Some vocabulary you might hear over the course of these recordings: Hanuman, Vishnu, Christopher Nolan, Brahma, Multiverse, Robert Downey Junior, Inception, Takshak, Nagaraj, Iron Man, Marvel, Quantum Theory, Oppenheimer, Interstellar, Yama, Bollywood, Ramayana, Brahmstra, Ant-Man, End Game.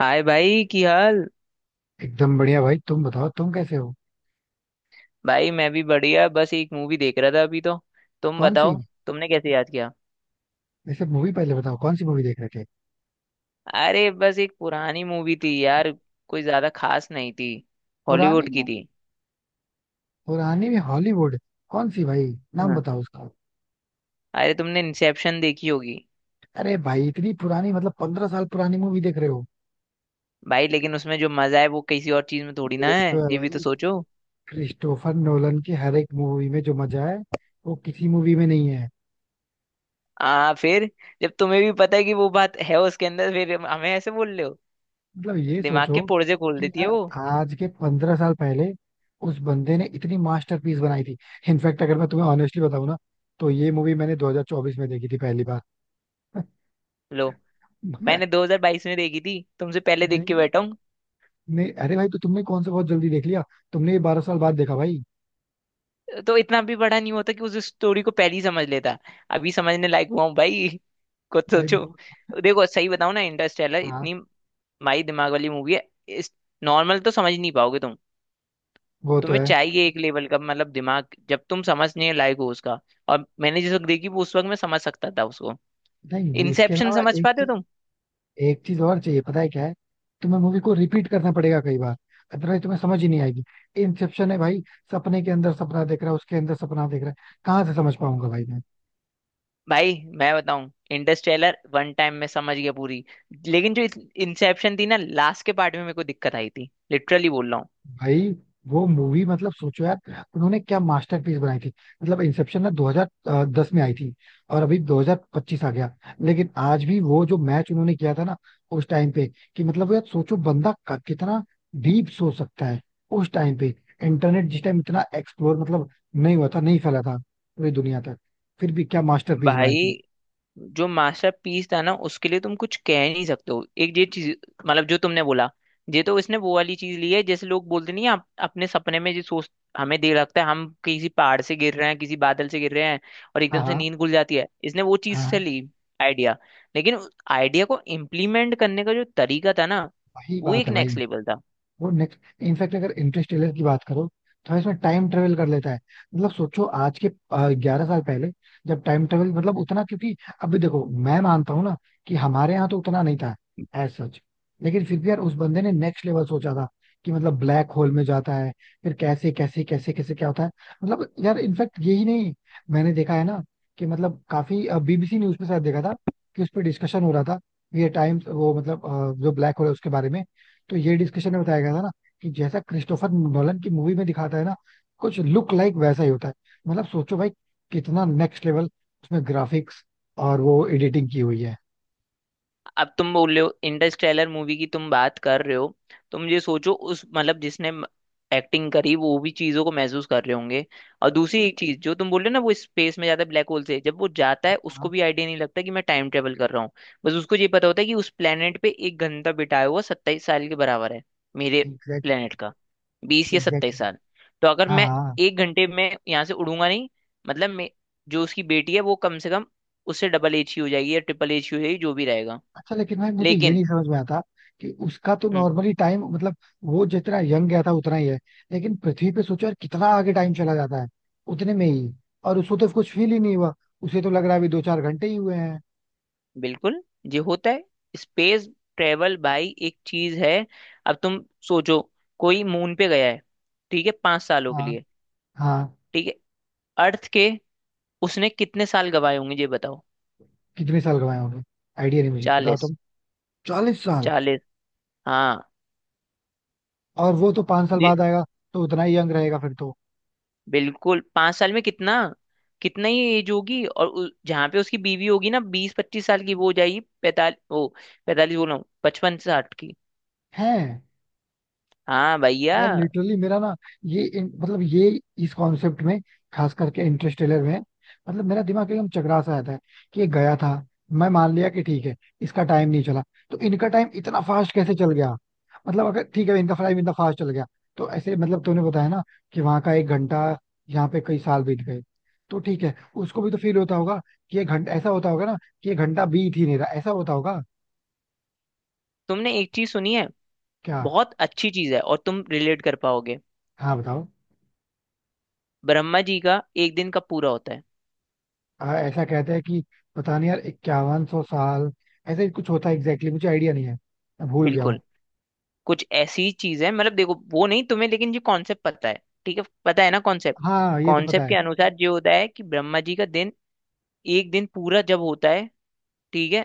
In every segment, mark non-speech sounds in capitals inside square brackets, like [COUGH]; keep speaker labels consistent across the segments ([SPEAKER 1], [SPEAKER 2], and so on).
[SPEAKER 1] हाय भाई की हाल।
[SPEAKER 2] एकदम बढ़िया भाई. तुम बताओ तुम कैसे हो.
[SPEAKER 1] भाई मैं भी बढ़िया, बस एक मूवी देख रहा था अभी तो। तुम
[SPEAKER 2] कौन सी.
[SPEAKER 1] बताओ। तुमने कैसे याद किया?
[SPEAKER 2] वैसे मूवी पहले बताओ कौन सी मूवी देख रहे थे.
[SPEAKER 1] अरे बस एक पुरानी मूवी थी यार, कोई ज्यादा खास नहीं थी।
[SPEAKER 2] पुरानी
[SPEAKER 1] हॉलीवुड की
[SPEAKER 2] मूवी.
[SPEAKER 1] थी।
[SPEAKER 2] पुरानी में हॉलीवुड. कौन सी भाई. नाम
[SPEAKER 1] हाँ,
[SPEAKER 2] बताओ उसका.
[SPEAKER 1] अरे तुमने इंसेप्शन देखी होगी।
[SPEAKER 2] अरे भाई इतनी पुरानी मतलब 15 साल पुरानी मूवी देख रहे हो.
[SPEAKER 1] भाई लेकिन उसमें जो मजा है वो किसी और चीज में थोड़ी ना
[SPEAKER 2] ये
[SPEAKER 1] है,
[SPEAKER 2] तो है
[SPEAKER 1] ये भी तो
[SPEAKER 2] भाई.
[SPEAKER 1] सोचो।
[SPEAKER 2] क्रिस्टोफर नोलन की हर एक मूवी में जो मजा है वो किसी मूवी में नहीं है.
[SPEAKER 1] आ फिर जब तुम्हें भी पता है कि वो बात है उसके अंदर, फिर हमें ऐसे बोल रहे हो।
[SPEAKER 2] मतलब ये
[SPEAKER 1] दिमाग
[SPEAKER 2] सोचो
[SPEAKER 1] के पुर्जे खोल
[SPEAKER 2] कि
[SPEAKER 1] देती है
[SPEAKER 2] यार
[SPEAKER 1] वो।
[SPEAKER 2] आज के 15 साल पहले उस बंदे ने इतनी मास्टरपीस बनाई थी. इनफैक्ट अगर मैं तुम्हें ऑनेस्टली बताऊं ना तो ये मूवी मैंने 2024 में देखी थी पहली बार.
[SPEAKER 1] लो, मैंने
[SPEAKER 2] [LAUGHS]
[SPEAKER 1] 2022 में देखी थी, तुमसे पहले देख के
[SPEAKER 2] नहीं
[SPEAKER 1] बैठा हूँ।
[SPEAKER 2] नहीं, अरे भाई तो तुमने कौन सा बहुत जल्दी देख लिया. तुमने ये 12 साल बाद देखा भाई.
[SPEAKER 1] तो इतना भी बड़ा नहीं होता कि उस स्टोरी को पहले ही समझ लेता। अभी समझने लायक हुआ हूँ भाई, कुछ
[SPEAKER 2] भाई
[SPEAKER 1] सोचो।
[SPEAKER 2] वो-
[SPEAKER 1] देखो सही बताऊँ ना, इंटरस्टेलर
[SPEAKER 2] हाँ.
[SPEAKER 1] इतनी माई दिमाग वाली मूवी है। इस नॉर्मल तो समझ नहीं पाओगे तुम।
[SPEAKER 2] वो तो
[SPEAKER 1] तुम्हें
[SPEAKER 2] है.
[SPEAKER 1] चाहिए एक लेवल का मतलब दिमाग, जब तुम समझने लायक हो उसका। और मैंने जिस वक्त देखी वो, उस वक्त मैं समझ सकता था उसको।
[SPEAKER 2] नहीं, ये इसके
[SPEAKER 1] इंसेप्शन
[SPEAKER 2] अलावा
[SPEAKER 1] समझ
[SPEAKER 2] एक
[SPEAKER 1] पाते हो
[SPEAKER 2] चीज.
[SPEAKER 1] तुम?
[SPEAKER 2] एक चीज और चाहिए पता है क्या है. तुम्हें मूवी को रिपीट करना पड़ेगा कई बार. अदरवाइज तुम्हें समझ ही नहीं आएगी. इंसेप्शन है भाई. सपने के अंदर सपना देख रहा है उसके अंदर सपना देख रहा है. कहाँ से समझ पाऊंगा भाई मैं.
[SPEAKER 1] भाई मैं बताऊं, इंटरस्टेलर वन टाइम में समझ गया पूरी। लेकिन जो इंसेप्शन थी ना, लास्ट के पार्ट में मेरे को दिक्कत आई थी, लिटरली बोल रहा हूँ।
[SPEAKER 2] भाई वो मूवी मतलब सोचो यार. उन्होंने क्या मास्टरपीस बनाई थी. मतलब इंसेप्शन ना 2010 में आई थी. और अभी 2025 आ गया. लेकिन आज भी वो जो मैच उन्होंने किया था ना उस टाइम पे. कि मतलब यार सोचो बंदा कितना डीप सोच सकता है उस टाइम पे. इंटरनेट जिस टाइम इतना एक्सप्लोर मतलब नहीं हुआ था नहीं फैला था पूरी दुनिया तक. फिर भी क्या मास्टरपीस बनाई
[SPEAKER 1] भाई
[SPEAKER 2] थी.
[SPEAKER 1] जो मास्टर पीस था ना, उसके लिए तुम कुछ कह नहीं सकते हो। एक ये चीज मतलब जो तुमने बोला, ये तो इसने वो वाली चीज ली है। जैसे लोग बोलते नहीं हैं, आप अपने सपने में ये सोच, हमें देर लगता है, हम किसी पहाड़ से गिर रहे हैं, किसी बादल से गिर रहे हैं, और
[SPEAKER 2] हाँ
[SPEAKER 1] एकदम से
[SPEAKER 2] हाँ.
[SPEAKER 1] नींद खुल जाती है। इसने वो चीज
[SPEAKER 2] हाँ
[SPEAKER 1] से
[SPEAKER 2] हाँ.
[SPEAKER 1] ली आइडिया। लेकिन आइडिया को इम्प्लीमेंट करने का जो तरीका था ना,
[SPEAKER 2] वही
[SPEAKER 1] वो
[SPEAKER 2] बात
[SPEAKER 1] एक
[SPEAKER 2] है भाई.
[SPEAKER 1] नेक्स्ट लेवल था।
[SPEAKER 2] वो नेक्स्ट. इनफैक्ट अगर इंटरस्टेलर की बात करो तो इसमें टाइम ट्रेवल कर लेता है. मतलब सोचो आज के 11 साल पहले. जब टाइम ट्रेवल मतलब उतना क्योंकि. अभी देखो मैं मानता हूँ ना कि हमारे यहाँ तो उतना नहीं था एज सच. लेकिन फिर भी यार उस बंदे ने नेक्स्ट लेवल सोचा था. कि मतलब ब्लैक होल में जाता है. फिर कैसे कैसे कैसे कैसे क्या होता है. मतलब यार इनफैक्ट यही नहीं. मैंने देखा है ना कि मतलब काफी बीबीसी न्यूज पे शायद देखा था कि उस पर डिस्कशन हो रहा था. ये टाइम वो मतलब जो ब्लैक होल है उसके बारे में. तो ये डिस्कशन में बताया गया था ना कि जैसा क्रिस्टोफर नोलन की मूवी में दिखाता है ना कुछ लुक लाइक वैसा ही होता है. मतलब सोचो भाई. कितना नेक्स्ट लेवल. उसमें ग्राफिक्स और वो एडिटिंग की हुई है.
[SPEAKER 1] अब तुम बोल रहे हो इंटरस्टेलर मूवी की तुम बात कर रहे हो, तो मुझे सोचो उस मतलब जिसने एक्टिंग करी, वो भी चीजों को महसूस कर रहे होंगे। और दूसरी एक चीज जो तुम बोल रहे हो ना, वो स्पेस में जाता है ब्लैक होल से, जब वो जाता है उसको
[SPEAKER 2] हाँ.
[SPEAKER 1] भी आइडिया नहीं लगता कि मैं टाइम ट्रेवल कर रहा हूँ। बस उसको ये पता होता है कि उस प्लेनेट पे एक घंटा बिताया हुआ 27 साल के बराबर है मेरे
[SPEAKER 2] एग्जैक्टली.
[SPEAKER 1] प्लेनेट का। 20 या 27
[SPEAKER 2] एग्जैक्टली.
[SPEAKER 1] साल। तो अगर
[SPEAKER 2] हाँ
[SPEAKER 1] मैं
[SPEAKER 2] हाँ.
[SPEAKER 1] एक घंटे में यहाँ से उड़ूंगा नहीं, मतलब मे- जो उसकी बेटी है वो कम से कम उससे डबल एज ही हो जाएगी, या ट्रिपल एज ही हो जाएगी, जो भी रहेगा।
[SPEAKER 2] अच्छा लेकिन भाई मुझे ये
[SPEAKER 1] लेकिन
[SPEAKER 2] नहीं समझ में आता कि उसका तो
[SPEAKER 1] हम्म,
[SPEAKER 2] नॉर्मली टाइम मतलब वो जितना यंग गया था उतना ही है. लेकिन पृथ्वी पे सोचो यार कितना आगे टाइम चला जाता है उतने में ही. और उसको तो कुछ फील ही नहीं हुआ. उसे तो लग रहा है अभी दो चार घंटे ही हुए हैं.
[SPEAKER 1] बिल्कुल, ये होता है। स्पेस ट्रेवल भाई एक चीज है। अब तुम सोचो, कोई मून पे गया है, ठीक है, 5 सालों के
[SPEAKER 2] हाँ
[SPEAKER 1] लिए।
[SPEAKER 2] हाँ.
[SPEAKER 1] ठीक है, अर्थ के उसने कितने साल गवाए होंगे ये बताओ?
[SPEAKER 2] कितने साल कमाए होंगे. आइडिया नहीं मुझे बताओ
[SPEAKER 1] 40।
[SPEAKER 2] तुम. 40 साल.
[SPEAKER 1] 40, हाँ।
[SPEAKER 2] और वो तो 5 साल
[SPEAKER 1] ये
[SPEAKER 2] बाद आएगा. तो उतना ही यंग रहेगा फिर तो.
[SPEAKER 1] बिल्कुल, 5 साल में कितना, कितना ही एज होगी, और जहाँ पे उसकी बीवी होगी ना, 20 25 साल की, वो हो जाएगी 45। ओ 45 बोल रहा हूँ, 55 60 की।
[SPEAKER 2] है.
[SPEAKER 1] हाँ भैया।
[SPEAKER 2] यार लिटरली मेरा ना ये मतलब ये इस कॉन्सेप्ट में. खास करके इंटरस्टेलर में. मतलब मेरा दिमाग एकदम चकरा सा आता है कि ये गया था. मैं मान लिया कि ठीक है इसका टाइम नहीं चला. तो इनका टाइम इतना फास्ट कैसे चल गया. मतलब अगर ठीक है इनका टाइम इतना फास्ट चल गया तो ऐसे मतलब तूने बताया ना कि वहां का 1 घंटा यहाँ पे कई साल बीत गए. तो ठीक है. उसको भी तो फील होता होगा कि ये घंटा ऐसा होता होगा ना कि ये घंटा बीत ही नहीं रहा ऐसा होता होगा.
[SPEAKER 1] तुमने एक चीज सुनी है?
[SPEAKER 2] क्या.
[SPEAKER 1] बहुत अच्छी चीज है और तुम रिलेट कर पाओगे।
[SPEAKER 2] हाँ, बताओ.
[SPEAKER 1] ब्रह्मा जी का एक दिन का पूरा होता है।
[SPEAKER 2] ऐसा कहते हैं कि पता नहीं यार 5100 साल ऐसा ही कुछ होता है एग्जैक्टली exactly, मुझे आइडिया नहीं है. मैं भूल गया हूँ.
[SPEAKER 1] बिल्कुल, कुछ ऐसी चीज है। मतलब देखो वो नहीं तुम्हें, लेकिन ये कॉन्सेप्ट पता है? ठीक है, पता है ना कॉन्सेप्ट।
[SPEAKER 2] हाँ ये तो पता
[SPEAKER 1] कॉन्सेप्ट
[SPEAKER 2] है.
[SPEAKER 1] के अनुसार ये होता है कि ब्रह्मा जी का दिन, एक दिन पूरा जब होता है, ठीक है,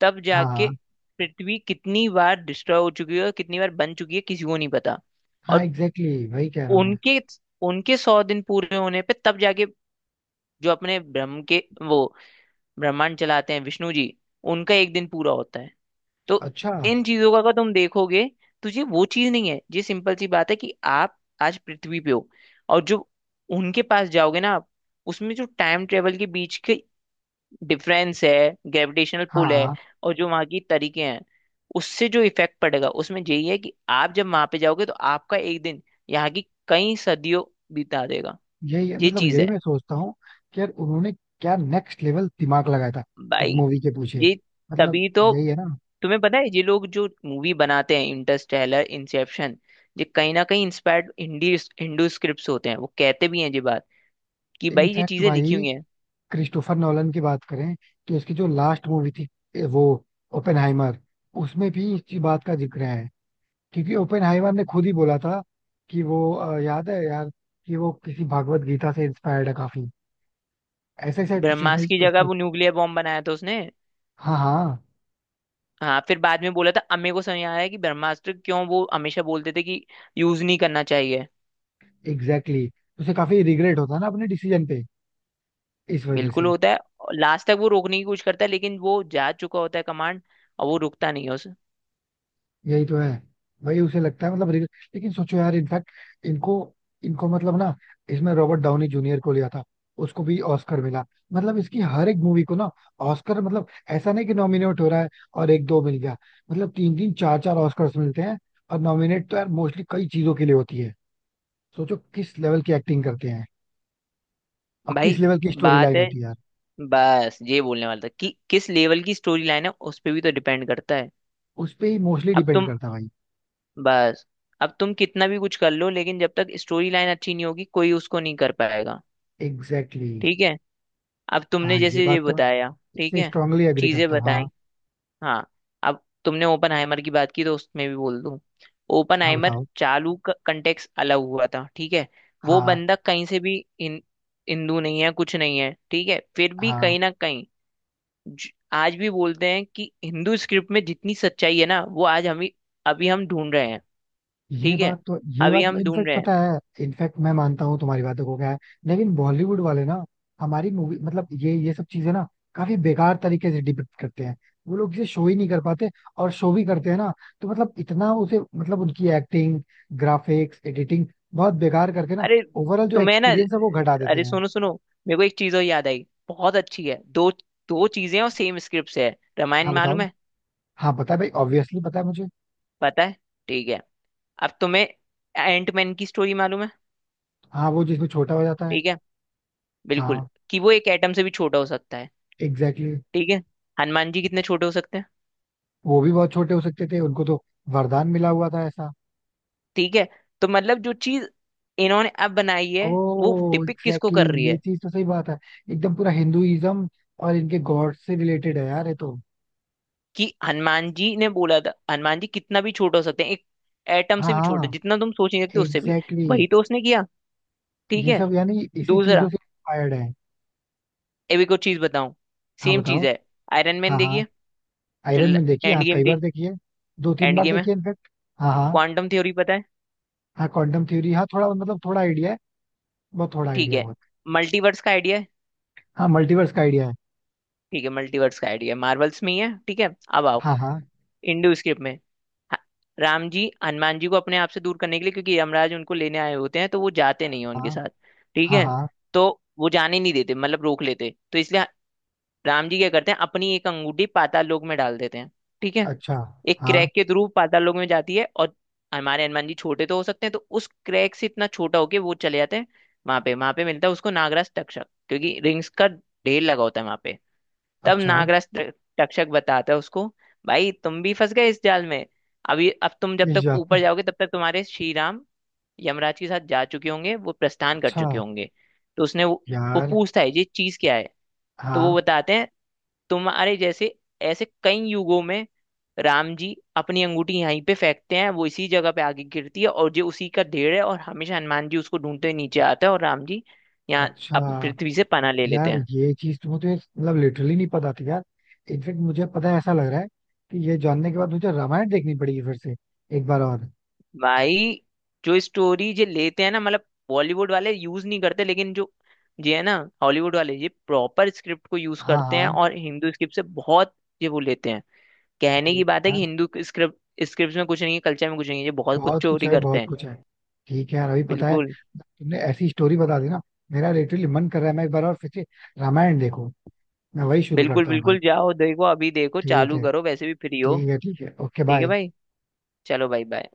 [SPEAKER 1] तब जाके
[SPEAKER 2] हाँ
[SPEAKER 1] पृथ्वी कितनी बार डिस्ट्रॉय हो चुकी है और कितनी बार बन चुकी है किसी को नहीं पता।
[SPEAKER 2] हाँ
[SPEAKER 1] और
[SPEAKER 2] एग्जैक्टली exactly, वही कह रहा हूँ मैं.
[SPEAKER 1] उनके, उनके 100 दिन पूरे होने पे तब जाके, जो अपने ब्रह्म के वो ब्रह्मांड चलाते हैं विष्णु जी, उनका एक दिन पूरा होता है। तो
[SPEAKER 2] अच्छा.
[SPEAKER 1] इन चीजों का अगर तुम देखोगे, तो ये वो चीज नहीं है, ये सिंपल सी बात है कि आप आज पृथ्वी पे हो, और जो उनके पास जाओगे ना आप, उसमें जो टाइम ट्रेवल के बीच के डिफरेंस है, ग्रेविटेशनल पुल है,
[SPEAKER 2] हाँ.
[SPEAKER 1] और जो वहाँ की तरीके हैं, उससे जो इफेक्ट पड़ेगा, उसमें यही है कि आप जब वहां पे जाओगे तो आपका एक दिन यहाँ की कई सदियों बिता देगा।
[SPEAKER 2] यही
[SPEAKER 1] ये
[SPEAKER 2] मतलब
[SPEAKER 1] चीज
[SPEAKER 2] यही
[SPEAKER 1] है
[SPEAKER 2] मैं सोचता हूँ कि यार उन्होंने क्या नेक्स्ट लेवल दिमाग लगाया था उस
[SPEAKER 1] भाई।
[SPEAKER 2] मूवी के पीछे.
[SPEAKER 1] ये
[SPEAKER 2] मतलब.
[SPEAKER 1] तभी तो
[SPEAKER 2] यही है ना.
[SPEAKER 1] तुम्हें पता है, ये लोग जो मूवी बनाते हैं इंटरस्टेलर इंसेप्शन, ये कहीं ना कहीं इंस्पायर्ड हिंदी, हिंदू स्क्रिप्ट्स होते हैं। वो कहते भी हैं ये बात, कि भाई ये
[SPEAKER 2] इनफैक्ट
[SPEAKER 1] चीजें
[SPEAKER 2] भाई
[SPEAKER 1] लिखी हुई हैं।
[SPEAKER 2] क्रिस्टोफर नॉलन की बात करें तो इसकी जो लास्ट मूवी थी वो ओपेनहाइमर उसमें भी इसी बात का जिक्र है. क्योंकि ओपेनहाइमर ने खुद ही बोला था कि वो याद है यार कि वो किसी भागवत गीता से इंस्पायर्ड है काफी. ऐसे ऐसे कुछ उसने
[SPEAKER 1] ब्रह्मास्त्र की जगह
[SPEAKER 2] उसकी.
[SPEAKER 1] वो न्यूक्लियर बॉम्ब बनाया था उसने।
[SPEAKER 2] हाँ हाँ.
[SPEAKER 1] हाँ, फिर बाद में बोला था अम्मे को समझ आया कि ब्रह्मास्त्र क्यों वो हमेशा बोलते थे कि यूज नहीं करना चाहिए।
[SPEAKER 2] Exactly exactly. उसे काफी रिग्रेट होता है ना अपने डिसीजन पे इस वजह
[SPEAKER 1] बिल्कुल
[SPEAKER 2] से.
[SPEAKER 1] होता है। लास्ट तक वो रोकने की कोशिश करता है, लेकिन वो जा चुका होता है कमांड, और वो रुकता नहीं है उस।
[SPEAKER 2] यही तो है भाई. उसे लगता है मतलब. लेकिन सोचो यार इनफैक्ट इनको इनको मतलब ना इसमें रॉबर्ट डाउनी जूनियर को लिया था उसको भी ऑस्कर मिला. मतलब इसकी हर एक मूवी को ना ऑस्कर मतलब ऐसा नहीं कि नॉमिनेट हो रहा है और एक दो मिल गया. मतलब तीन तीन चार चार ऑस्कर्स मिलते हैं. और नॉमिनेट तो यार मोस्टली कई चीजों के लिए होती है. सोचो किस लेवल की एक्टिंग करते हैं और किस
[SPEAKER 1] भाई
[SPEAKER 2] लेवल की स्टोरी
[SPEAKER 1] बात
[SPEAKER 2] लाइन
[SPEAKER 1] है,
[SPEAKER 2] होती है यार.
[SPEAKER 1] बस ये बोलने वाला था कि किस लेवल की स्टोरी लाइन है उस पे भी तो डिपेंड करता है।
[SPEAKER 2] उस पे ही मोस्टली
[SPEAKER 1] अब
[SPEAKER 2] डिपेंड
[SPEAKER 1] तुम
[SPEAKER 2] करता है भाई.
[SPEAKER 1] बस, अब तुम कितना भी कुछ कर लो, लेकिन जब तक स्टोरी लाइन अच्छी नहीं होगी कोई उसको नहीं कर पाएगा।
[SPEAKER 2] Exactly exactly.
[SPEAKER 1] ठीक है, अब तुमने
[SPEAKER 2] हाँ ये
[SPEAKER 1] जैसे ये
[SPEAKER 2] बात तो मैं
[SPEAKER 1] बताया, ठीक
[SPEAKER 2] इससे
[SPEAKER 1] है,
[SPEAKER 2] स्ट्रांगली एग्री
[SPEAKER 1] चीजें
[SPEAKER 2] करता हूँ हाँ.
[SPEAKER 1] बताई, हाँ। अब तुमने ओपन हाइमर की बात की तो उसमें भी बोल दूं, ओपन
[SPEAKER 2] हाँ
[SPEAKER 1] हाइमर
[SPEAKER 2] बताओ.
[SPEAKER 1] चालू का कंटेक्स अलग हुआ था, ठीक है। वो
[SPEAKER 2] हाँ
[SPEAKER 1] बंदा कहीं से भी इन हिंदू नहीं है, कुछ नहीं है, ठीक है, फिर भी
[SPEAKER 2] हाँ,
[SPEAKER 1] कहीं ना कहीं, आज भी बोलते हैं कि हिंदू स्क्रिप्ट में जितनी सच्चाई है ना वो आज हम, अभी हम ढूंढ रहे हैं।
[SPEAKER 2] ये
[SPEAKER 1] ठीक है,
[SPEAKER 2] बात तो ये
[SPEAKER 1] अभी
[SPEAKER 2] बात तो
[SPEAKER 1] हम ढूंढ
[SPEAKER 2] इनफैक्ट
[SPEAKER 1] रहे हैं।
[SPEAKER 2] पता है. इनफैक्ट मैं मानता हूँ तुम्हारी बातों को क्या है. लेकिन बॉलीवुड वाले ना हमारी मूवी मतलब ये सब चीजें ना काफी बेकार तरीके से डिपिक्ट करते हैं. वो लोग इसे शो ही नहीं कर पाते. और शो भी करते हैं ना तो मतलब इतना उसे मतलब उनकी एक्टिंग ग्राफिक्स एडिटिंग बहुत बेकार करके ना
[SPEAKER 1] अरे
[SPEAKER 2] ओवरऑल जो
[SPEAKER 1] तुम्हें ना,
[SPEAKER 2] एक्सपीरियंस है वो घटा देते
[SPEAKER 1] अरे
[SPEAKER 2] हैं.
[SPEAKER 1] सुनो सुनो, मेरे को एक चीज और याद आई बहुत अच्छी है। दो, दो चीजें और सेम स्क्रिप्ट से है। रामायण
[SPEAKER 2] हाँ बताओ.
[SPEAKER 1] मालूम है?
[SPEAKER 2] हाँ पता है भाई ऑब्वियसली पता है मुझे.
[SPEAKER 1] पता है, ठीक है। अब तुम्हें एंटमैन की स्टोरी मालूम है?
[SPEAKER 2] हाँ वो जिसमें छोटा हो जाता है.
[SPEAKER 1] ठीक है, बिल्कुल,
[SPEAKER 2] हाँ
[SPEAKER 1] कि वो एक एटम से भी छोटा हो सकता है।
[SPEAKER 2] Exactly exactly.
[SPEAKER 1] ठीक है, हनुमान जी कितने छोटे हो सकते हैं?
[SPEAKER 2] वो भी बहुत छोटे हो सकते थे उनको तो वरदान मिला हुआ था ऐसा.
[SPEAKER 1] ठीक है, तो मतलब जो चीज इन्होंने अब बनाई है,
[SPEAKER 2] ओ
[SPEAKER 1] वो डिपिक्ट किसको
[SPEAKER 2] एग्जैक्टली
[SPEAKER 1] कर रही
[SPEAKER 2] exactly, ये
[SPEAKER 1] है?
[SPEAKER 2] चीज तो सही बात है. एकदम पूरा हिंदुइज्म और इनके गॉड से रिलेटेड है यार ये तो.
[SPEAKER 1] कि हनुमान जी ने बोला था, हनुमान जी कितना भी छोटा हो सकते हैं, एक एटम
[SPEAKER 2] हाँ
[SPEAKER 1] से भी छोटे,
[SPEAKER 2] हाँ
[SPEAKER 1] जितना तुम सोच नहीं सकते उससे भी।
[SPEAKER 2] Exactly exactly.
[SPEAKER 1] वही तो उसने किया। ठीक
[SPEAKER 2] ये
[SPEAKER 1] है,
[SPEAKER 2] सब यानी इसी चीजों
[SPEAKER 1] दूसरा,
[SPEAKER 2] से इंस्पायर्ड है.
[SPEAKER 1] अभी को चीज बताऊं,
[SPEAKER 2] हाँ
[SPEAKER 1] सेम
[SPEAKER 2] बताओ.
[SPEAKER 1] चीज है। आयरन मैन
[SPEAKER 2] हाँ हाँ.
[SPEAKER 1] देखिए। जो
[SPEAKER 2] आयरन मैन देखिए.
[SPEAKER 1] एंड
[SPEAKER 2] हाँ
[SPEAKER 1] गेम
[SPEAKER 2] कई बार
[SPEAKER 1] थी,
[SPEAKER 2] देखिए. दो तीन
[SPEAKER 1] एंड
[SPEAKER 2] बार
[SPEAKER 1] गेम है,
[SPEAKER 2] देखिए इनफेक्ट. हाँ हाँ.
[SPEAKER 1] क्वांटम थ्योरी पता है?
[SPEAKER 2] हाँ क्वांटम थ्योरी हाँ थोड़ा मतलब थोड़ा आइडिया है. बहुत थोड़ा
[SPEAKER 1] ठीक
[SPEAKER 2] आइडिया
[SPEAKER 1] है,
[SPEAKER 2] बहुत.
[SPEAKER 1] मल्टीवर्स का आइडिया है।
[SPEAKER 2] हाँ मल्टीवर्स का आइडिया है.
[SPEAKER 1] ठीक है, मल्टीवर्स का आइडिया मार्वल्स में ही है, ठीक है। अब आओ
[SPEAKER 2] हाँ हाँ.
[SPEAKER 1] इंडो स्क्रिप्ट में। ह- राम जी हनुमान जी को अपने आप से दूर करने के लिए, क्योंकि यमराज उनको लेने आए होते हैं तो वो जाते नहीं है उनके
[SPEAKER 2] हाँ
[SPEAKER 1] साथ, ठीक
[SPEAKER 2] हाँ
[SPEAKER 1] है,
[SPEAKER 2] हाँ.
[SPEAKER 1] तो वो जाने नहीं देते, मतलब रोक लेते तो, इसलिए राम जी क्या करते हैं, अपनी एक अंगूठी पाताल लोक में डाल देते हैं। ठीक है,
[SPEAKER 2] अच्छा.
[SPEAKER 1] एक
[SPEAKER 2] हाँ.
[SPEAKER 1] क्रैक के थ्रू पाताल लोक में जाती है, और हमारे हनुमान जी छोटे तो हो सकते हैं तो उस क्रैक से इतना छोटा होके वो चले जाते हैं। वहां पे, वहां पे मिलता है उसको नागराज तक्षक, क्योंकि रिंग्स का ढेर लगा होता है वहां पे। तब
[SPEAKER 2] अच्छा.
[SPEAKER 1] तक्षक बताता है उसको, भाई तुम भी फंस गए इस जाल में। अभी अब तुम जब
[SPEAKER 2] किस
[SPEAKER 1] तक
[SPEAKER 2] जा.
[SPEAKER 1] ऊपर जाओगे तब तक तुम्हारे श्री राम यमराज के साथ जा चुके होंगे, वो प्रस्थान कर
[SPEAKER 2] अच्छा.
[SPEAKER 1] चुके होंगे। तो उसने वो
[SPEAKER 2] यार.
[SPEAKER 1] पूछता है ये चीज क्या है, तो वो
[SPEAKER 2] हाँ.
[SPEAKER 1] बताते हैं, तुम्हारे जैसे ऐसे कई युगों में राम जी अपनी अंगूठी यहीं पे फेंकते हैं, वो इसी जगह पे आगे गिरती है, और ये उसी का ढेर है, और हमेशा हनुमान जी उसको ढूंढते हुए नीचे आते हैं और राम जी यहाँ
[SPEAKER 2] अच्छा
[SPEAKER 1] पृथ्वी से पनाह ले लेते
[SPEAKER 2] यार
[SPEAKER 1] हैं।
[SPEAKER 2] ये चीज तो मुझे मतलब लिटरली नहीं पता थी यार. इनफेक्ट मुझे पता है ऐसा लग रहा है कि ये जानने के बाद मुझे रामायण देखनी पड़ेगी फिर से एक बार और.
[SPEAKER 1] भाई जो स्टोरी ये लेते हैं ना, मतलब बॉलीवुड वाले यूज नहीं करते, लेकिन जो ये है ना, हॉलीवुड वाले ये प्रॉपर स्क्रिप्ट को यूज
[SPEAKER 2] हाँ
[SPEAKER 1] करते हैं,
[SPEAKER 2] हाँ.
[SPEAKER 1] और हिंदू स्क्रिप्ट से बहुत ये वो लेते हैं। कहने की
[SPEAKER 2] ठीक
[SPEAKER 1] बात
[SPEAKER 2] है
[SPEAKER 1] है कि
[SPEAKER 2] यार
[SPEAKER 1] हिंदू स्क्रिप्ट, स्क्रिप्ट में कुछ नहीं है, कल्चर में कुछ नहीं है, ये बहुत कुछ
[SPEAKER 2] बहुत कुछ
[SPEAKER 1] चोरी
[SPEAKER 2] है
[SPEAKER 1] करते
[SPEAKER 2] बहुत
[SPEAKER 1] हैं।
[SPEAKER 2] कुछ है. ठीक है यार अभी पता है
[SPEAKER 1] बिल्कुल,
[SPEAKER 2] तुमने ऐसी स्टोरी बता दी ना मेरा लिटरली मन कर रहा है मैं एक बार और फिर से रामायण देखूं. मैं वही शुरू
[SPEAKER 1] बिल्कुल,
[SPEAKER 2] करता हूँ भाई.
[SPEAKER 1] बिल्कुल, जाओ देखो अभी, देखो
[SPEAKER 2] ठीक
[SPEAKER 1] चालू
[SPEAKER 2] है.
[SPEAKER 1] करो, वैसे भी फ्री हो।
[SPEAKER 2] ठीक है, ठीक है, ओके,
[SPEAKER 1] ठीक है
[SPEAKER 2] बाय.
[SPEAKER 1] भाई, चलो भाई, बाय।